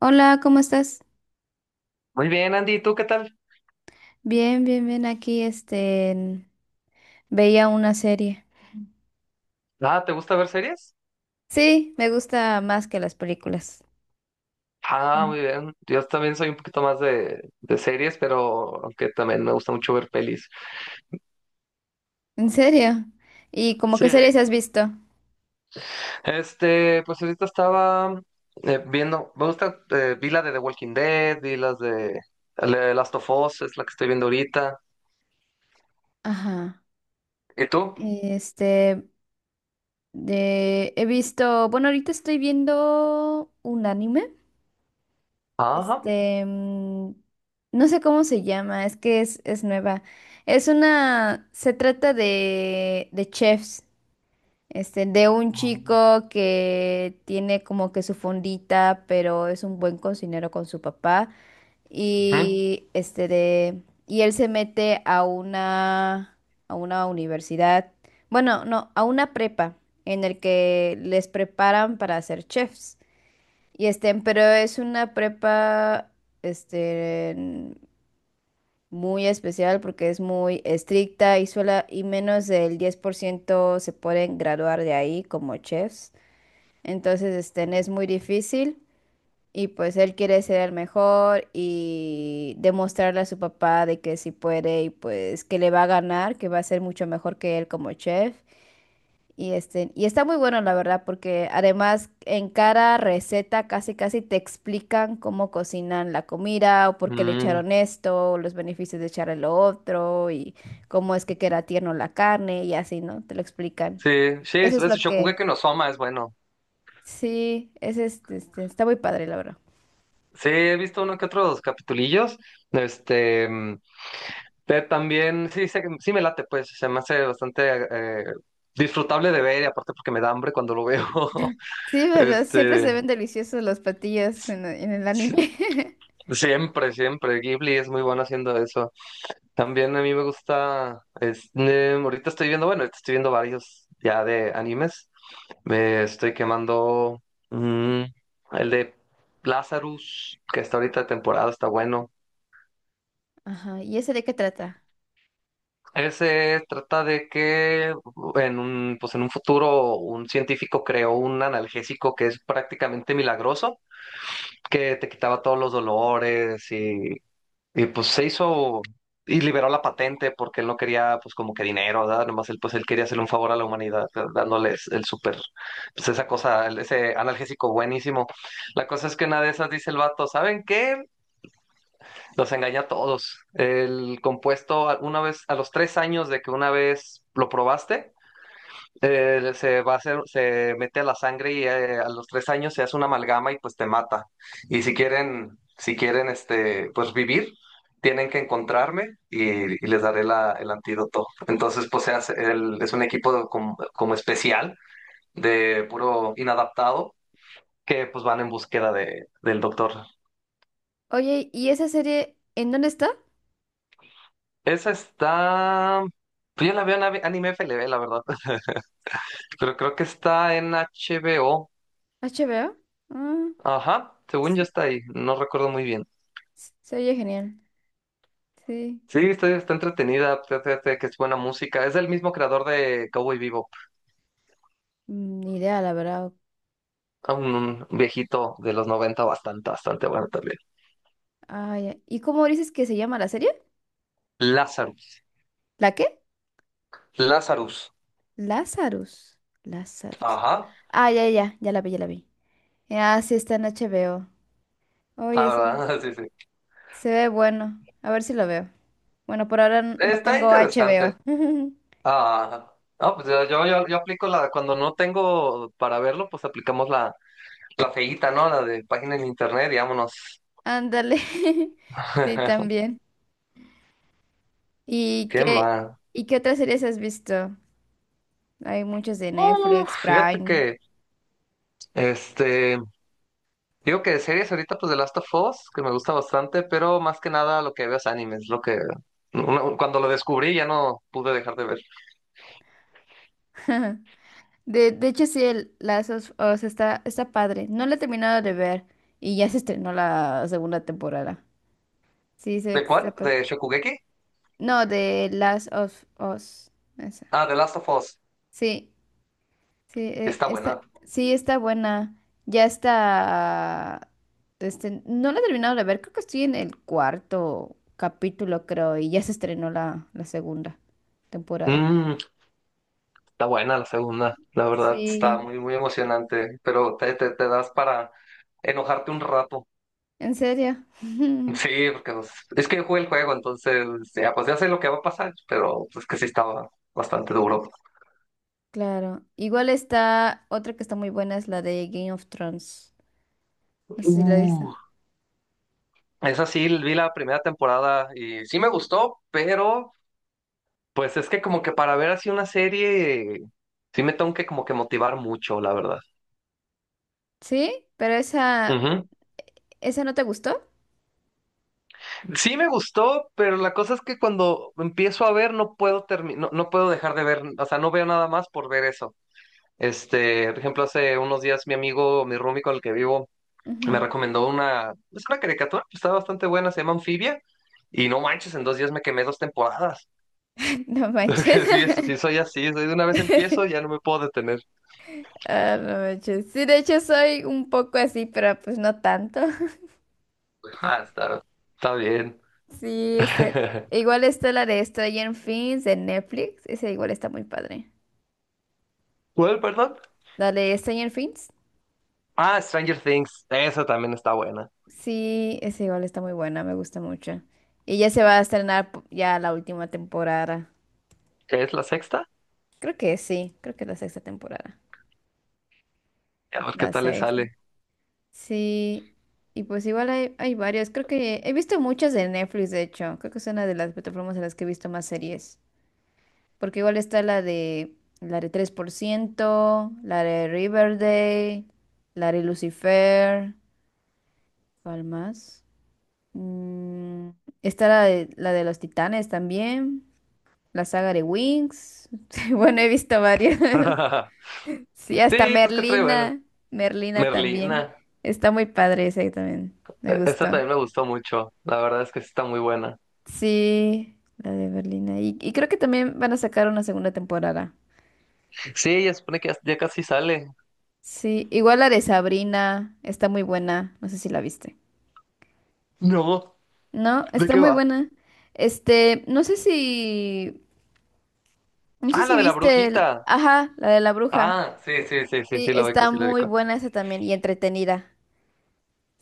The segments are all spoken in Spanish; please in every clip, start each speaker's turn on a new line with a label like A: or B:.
A: Hola, ¿cómo estás?
B: Muy bien, Andy, ¿y tú qué tal?
A: Bien, bien, bien. Aquí, veía una serie.
B: Ah, ¿te gusta ver series?
A: Sí, me gusta más que las películas.
B: Ah,
A: Mm.
B: muy bien. Yo también soy un poquito más de series, pero aunque también me gusta mucho ver pelis.
A: ¿En serio? ¿Y como
B: Sí.
A: qué series has visto?
B: Este, pues ahorita estaba viendo, me gusta, vi la de The Walking Dead, vi las de Last of Us, es la que estoy viendo ahorita.
A: Ajá.
B: ¿Y tú?
A: Este, he visto, bueno, ahorita estoy viendo un anime.
B: Ajá.
A: Este, mm, no sé cómo se llama, es que es nueva. Es una, se trata de chefs. Este, de un chico que tiene como que su fondita, pero es un buen cocinero con su papá.
B: Ujú.
A: Y y él se mete a una universidad, bueno, no, a una prepa, en el que les preparan para ser chefs. Y este, pero es una prepa, este, muy especial porque es muy estricta y sola, y menos del 10% se pueden graduar de ahí como chefs. Entonces, es muy difícil y pues él quiere ser el mejor y demostrarle a su papá de que sí puede y pues que le va a ganar, que va a ser mucho mejor que él como chef. Y este, y está muy bueno la verdad, porque además en cada receta casi casi te explican cómo cocinan la comida o por qué le
B: Mm,
A: echaron esto, o los beneficios de echarle lo otro y cómo es que queda tierno la carne y así, ¿no? Te lo explican.
B: sí, sí,
A: Eso es lo que.
B: Shokugeki no Soma es bueno.
A: Sí, es está muy padre, la verdad.
B: Sí, he visto uno que otros capitulillos. Este. Ted también, sí, sí me late, pues se me hace bastante disfrutable de ver y aparte porque me da hambre cuando lo veo.
A: Sí, ¿verdad? Siempre se
B: Este,
A: ven deliciosos los platillos en el
B: si-
A: anime.
B: siempre, siempre. Ghibli es muy bueno haciendo eso. También a mí me gusta, ahorita estoy viendo, bueno, ahorita estoy viendo varios ya de animes. Me estoy quemando mm, el de Lazarus, que está ahorita de temporada, está bueno.
A: Ajá, ¿y ese de qué trata?
B: Ese trata de que en un, pues en un futuro un científico creó un analgésico que es prácticamente milagroso, que te quitaba todos los dolores pues se hizo y liberó la patente porque él no quería pues como que dinero, ¿verdad? Nomás él pues él quería hacerle un favor a la humanidad, ¿verdad? Dándoles el súper, pues esa cosa, ese analgésico buenísimo. La cosa es que una de esas dice el vato, ¿saben qué? Los engaña a todos. El compuesto, una vez, a los 3 años de que una vez lo probaste, se va a hacer, se mete a la sangre y a los 3 años se hace una amalgama y pues te mata. Y si quieren, este, pues vivir, tienen que encontrarme y les daré la, el antídoto. Entonces, pues se hace, es un equipo como especial de puro inadaptado que pues van en búsqueda del doctor.
A: Oye, ¿y esa serie en dónde está?
B: Esa está. Pues yo la veo en Anime FLV, la verdad. Pero creo que está en HBO.
A: ¿HBO? Ah,
B: Ajá, según yo
A: s-
B: está ahí. No recuerdo muy bien.
A: se oye genial. Sí,
B: Sí, está entretenida. Fíjate que es buena música. Es del mismo creador de Cowboy Bebop.
A: ni idea, la verdad.
B: Un viejito de los 90 bastante, bastante bueno también.
A: Ah, ya. ¿Y cómo dices que se llama la serie?
B: Lazarus.
A: ¿La qué?
B: Lazarus.
A: Lazarus. Lazarus.
B: Ajá.
A: Ah, ya, ya, ya la vi, ya la vi. Ah, sí, está en HBO.
B: La
A: Oye, sí,
B: verdad, sí, sí.
A: se ve bueno. A ver si lo veo. Bueno, por ahora no
B: Está
A: tengo
B: interesante.
A: HBO.
B: Ah, ah, pues yo, yo aplico la. Cuando no tengo para verlo, pues aplicamos la. La feíta, ¿no? La de página en internet y vámonos.
A: Ándale. Sí, también. ¿Y
B: ¿Qué
A: qué,
B: mal?
A: ¿y qué otras series has visto? Hay muchas de Netflix,
B: Uf, fíjate
A: Prime.
B: que, este, digo que de series ahorita pues The Last of Us, que me gusta bastante, pero más que nada lo que veo es animes, lo que, cuando lo descubrí ya no pude dejar de ver.
A: De hecho, sí, el Last of Us está padre. No la he terminado de ver y ya se estrenó la segunda temporada.
B: ¿De
A: Está
B: cuál? ¿De Shokugeki?
A: no, de Last of Us. Esa.
B: Ah, The Last of Us.
A: Sí. Sí,
B: Está buena.
A: sí, está buena. Ya está. Este, no la he terminado de ver, creo que estoy en el cuarto capítulo, creo, y ya se estrenó la segunda temporada.
B: Mm, está buena la segunda, la verdad, está
A: Sí,
B: muy, muy emocionante, pero te das para enojarte un rato.
A: en serio.
B: Sí, porque pues, es que jugué el juego, entonces ya, pues ya sé lo que va a pasar, pero pues que sí estaba bastante duro.
A: Claro. Igual está otra que está muy buena, es la de Game of Thrones. No sé si la viste.
B: Uh. Esa sí, vi la primera temporada y sí me gustó, pero pues es que como que para ver así una serie, sí me tengo que como que motivar mucho, la verdad.
A: Sí, pero esa,
B: Ujú.
A: ¿esa no te gustó?
B: Sí me gustó, pero la cosa es que cuando empiezo a ver no puedo no, no puedo dejar de ver, o sea, no veo nada más por ver eso. Este, por ejemplo, hace unos días mi amigo, mi roomie con el que vivo, me
A: Ujú.
B: recomendó una, es una caricatura que está bastante buena, se llama Anfibia, y no manches, en 2 días me quemé 2 temporadas.
A: No manches.
B: Porque sí, sí soy así, soy de una vez empiezo, ya no me puedo detener.
A: Ah, no manches. Sí, de hecho soy un poco así, pero pues no tanto.
B: Ah, está bien.
A: Sí, este, igual está la de Stranger Things de Netflix. Esa igual está muy padre.
B: ¿Cuál, perdón?
A: La de Stranger Things.
B: Ah, Stranger Things, esa también está buena.
A: Sí, esa igual está muy buena, me gusta mucho. Y ya se va a estrenar ya la última temporada.
B: ¿Qué es la sexta?
A: Creo que sí, creo que es la sexta temporada.
B: A ver qué
A: La
B: tal le
A: sexta.
B: sale.
A: Sí, y pues igual hay, hay varios. Creo que he visto muchas de Netflix, de hecho. Creo que es una de las plataformas en las que he visto más series. Porque igual está la de tres por ciento, la de Riverdale, la de Lucifer, ¿cuál más? Mm, está la de los Titanes también, la saga de Wings. Bueno, he visto varias. Sí, hasta
B: Sí, pues que trae bueno.
A: Merlina, Merlina también.
B: Merlina,
A: Está muy padre ese también, me
B: esa
A: gustó.
B: también me gustó mucho, la verdad es que sí está muy buena.
A: Sí, la de Merlina. Y creo que también van a sacar una segunda temporada.
B: Sí, ya supone que ya ya casi sale.
A: Sí, igual la de Sabrina está muy buena, no sé si la viste.
B: No,
A: No,
B: ¿de
A: está
B: qué
A: muy
B: va?
A: buena. Este, no sé si, no sé
B: Ah,
A: si
B: la de la
A: viste el,
B: brujita.
A: ajá, la de la bruja.
B: Ah, sí, sí, sí, sí,
A: Sí,
B: sí, lo ubico,
A: está
B: sí lo
A: muy
B: ubico.
A: buena esa también y entretenida.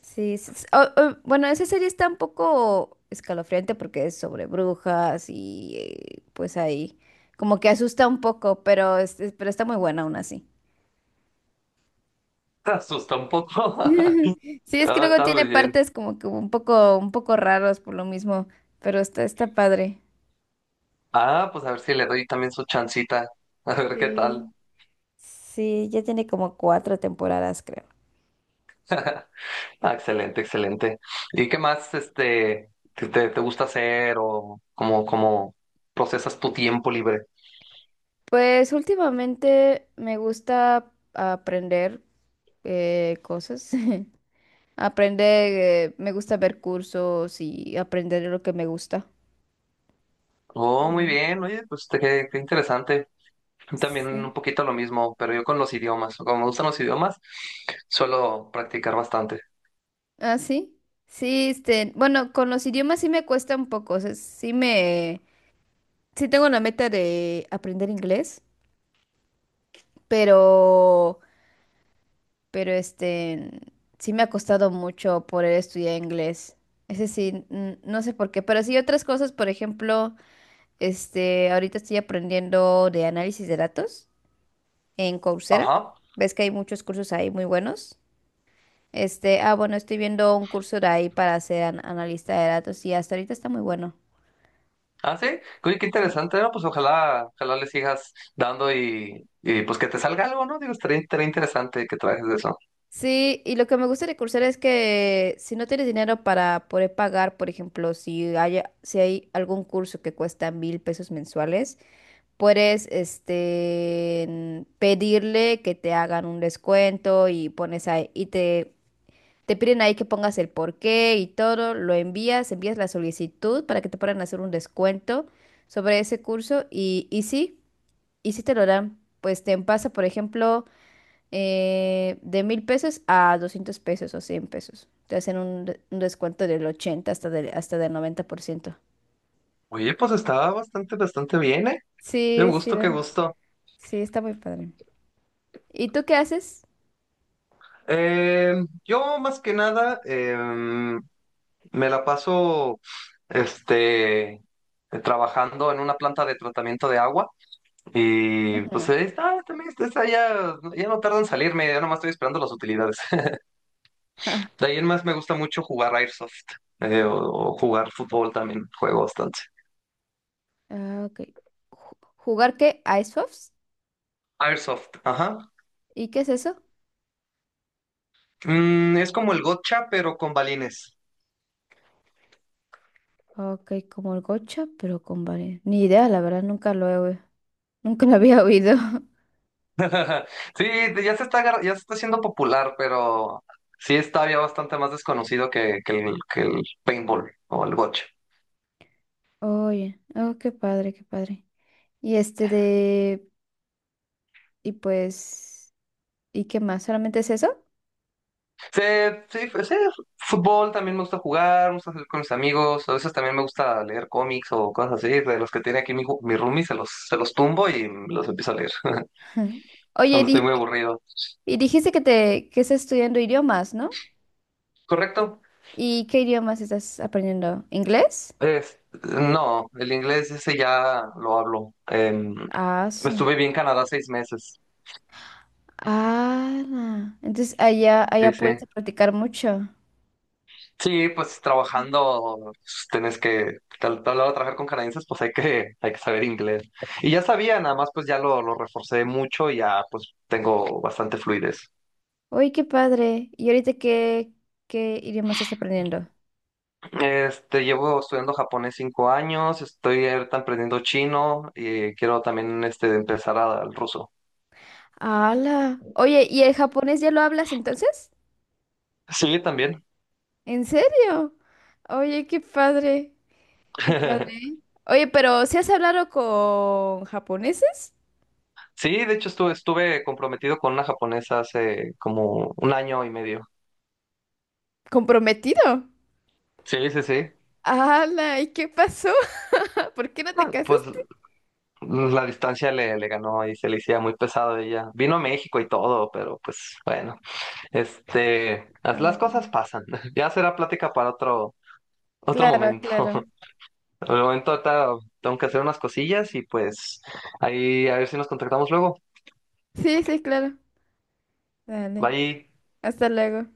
A: Sí, o, bueno, esa serie está un poco escalofriante porque es sobre brujas y pues ahí como que asusta un poco, pero, pero está muy buena aún así.
B: Te asusta un poco.
A: Sí, es que
B: Ah,
A: luego
B: está
A: tiene
B: muy bien.
A: partes como que un poco raros por lo mismo, pero está, está padre.
B: Ah, pues a ver si le doy también su chancita. A ver qué tal.
A: Sí. Sí, ya tiene como cuatro temporadas, creo.
B: Ah, excelente, excelente. ¿Y qué más, este, te gusta hacer o cómo procesas tu tiempo libre?
A: Pues últimamente me gusta aprender cosas. Aprender, me gusta ver cursos y aprender lo que me gusta.
B: Oh, muy
A: Ujú.
B: bien. Oye, pues qué, interesante. También un
A: Sí.
B: poquito lo mismo, pero yo con los idiomas. Como me gustan los idiomas, suelo practicar bastante.
A: Ah, sí. Sí, este, bueno, con los idiomas sí me cuesta un poco, o sea, sí tengo la meta de aprender inglés, pero, pero este, sí me ha costado mucho poder estudiar inglés. Ese sí no sé por qué, pero sí otras cosas, por ejemplo, este, ahorita estoy aprendiendo de análisis de datos en Coursera.
B: Ajá.
A: Ves que hay muchos cursos ahí muy buenos. Este, ah, bueno, estoy viendo un curso de ahí para ser analista de datos y hasta ahorita está muy bueno.
B: Ah, sí, oye, qué interesante, ¿no? Pues ojalá le sigas dando pues que te salga algo, ¿no? Digo, estaría interesante que trabajes de eso.
A: Sí, y lo que me gusta de Coursera es que si no tienes dinero para poder pagar, por ejemplo, si hay algún curso que cuesta 1,000 pesos mensuales, puedes pedirle que te hagan un descuento y pones ahí, te piden ahí que pongas el porqué y todo, lo envías, envías la solicitud para que te puedan hacer un descuento sobre ese curso, y sí te lo dan. Pues te pasa, por ejemplo de 1,000 pesos a 200 pesos o 100 pesos. Te hacen un descuento del 80 hasta del 90%.
B: Oye, pues está bastante, bastante bien, ¿eh? Qué
A: Sí, sí,
B: gusto, qué
A: la-
B: gusto.
A: sí, está muy padre. ¿Y tú qué haces?
B: Eh, yo más que nada me la paso, este, trabajando en una planta de tratamiento de agua y pues
A: Ujú.
B: ahí está, también está ya, ya no tardan en salirme, ya nomás estoy esperando las utilidades.
A: Ja,
B: De ahí en más me gusta mucho jugar Airsoft o jugar fútbol también, juego bastante.
A: ah, ok. ¿Jugar qué? ¿Icebox?
B: Airsoft, ajá.
A: ¿Y qué es eso?
B: Es como el gotcha, pero con balines.
A: Ok, como el gocha, pero con varias. Ni idea, la verdad, nunca lo había oído.
B: Sí, ya se ya se está haciendo popular, pero sí está todavía bastante más desconocido que el paintball o el gotcha.
A: Oye, oh, qué padre, qué padre. Y y pues, ¿y qué más? ¿Solamente es eso?
B: Sí, sí, sí, fútbol también me gusta jugar, me gusta salir con mis amigos, a veces también me gusta leer cómics o cosas así, de los que tiene aquí mi roomie, se los tumbo y los empiezo a leer
A: Ujú. Oye,
B: cuando estoy muy aburrido.
A: y dijiste que estás estudiando idiomas, ¿no?
B: ¿Correcto?
A: ¿Y qué idiomas estás aprendiendo? ¿Inglés?
B: Es- no, el inglés ese ya lo hablo. Em,
A: Ah, su-
B: estuve bien en Canadá 6 meses.
A: ah, na, entonces allá,
B: Sí,
A: allá
B: sí.
A: puedes practicar mucho.
B: Sí, pues trabajando, pues, tenés que, tal lado trabajar con canadienses, pues hay que, saber inglés. Y ya sabía, nada más pues ya lo reforcé mucho y ya pues tengo bastante fluidez.
A: Oye, qué padre. ¿Qué idiomas estás aprendiendo?
B: Este, llevo estudiando japonés 5 años, estoy ahorita aprendiendo chino y quiero también este, empezar al ruso.
A: ¡Hala! Oye, ¿y el japonés ya lo hablas entonces?
B: Sí, también.
A: ¿En serio? Oye, qué padre, qué padre. Oye, pero ¿si has hablado con japoneses?
B: Sí, de hecho estuve comprometido con una japonesa hace como un año y medio.
A: Comprometido.
B: Sí, sí, sí.
A: Ala, ¿y qué pasó? ¿Por qué no te
B: Ah, Pues
A: casaste?
B: pues, la distancia le ganó y se le hacía muy pesado a ella. Vino a México y todo, pero pues bueno, este, las
A: Ah,
B: cosas pasan. Ya será plática para otro
A: claro,
B: momento.
A: claro.
B: Por el momento ahorita tengo que hacer unas cosillas y pues ahí a ver si nos contactamos luego.
A: Sí, sí, claro. Dale.
B: Bye.
A: Hasta luego.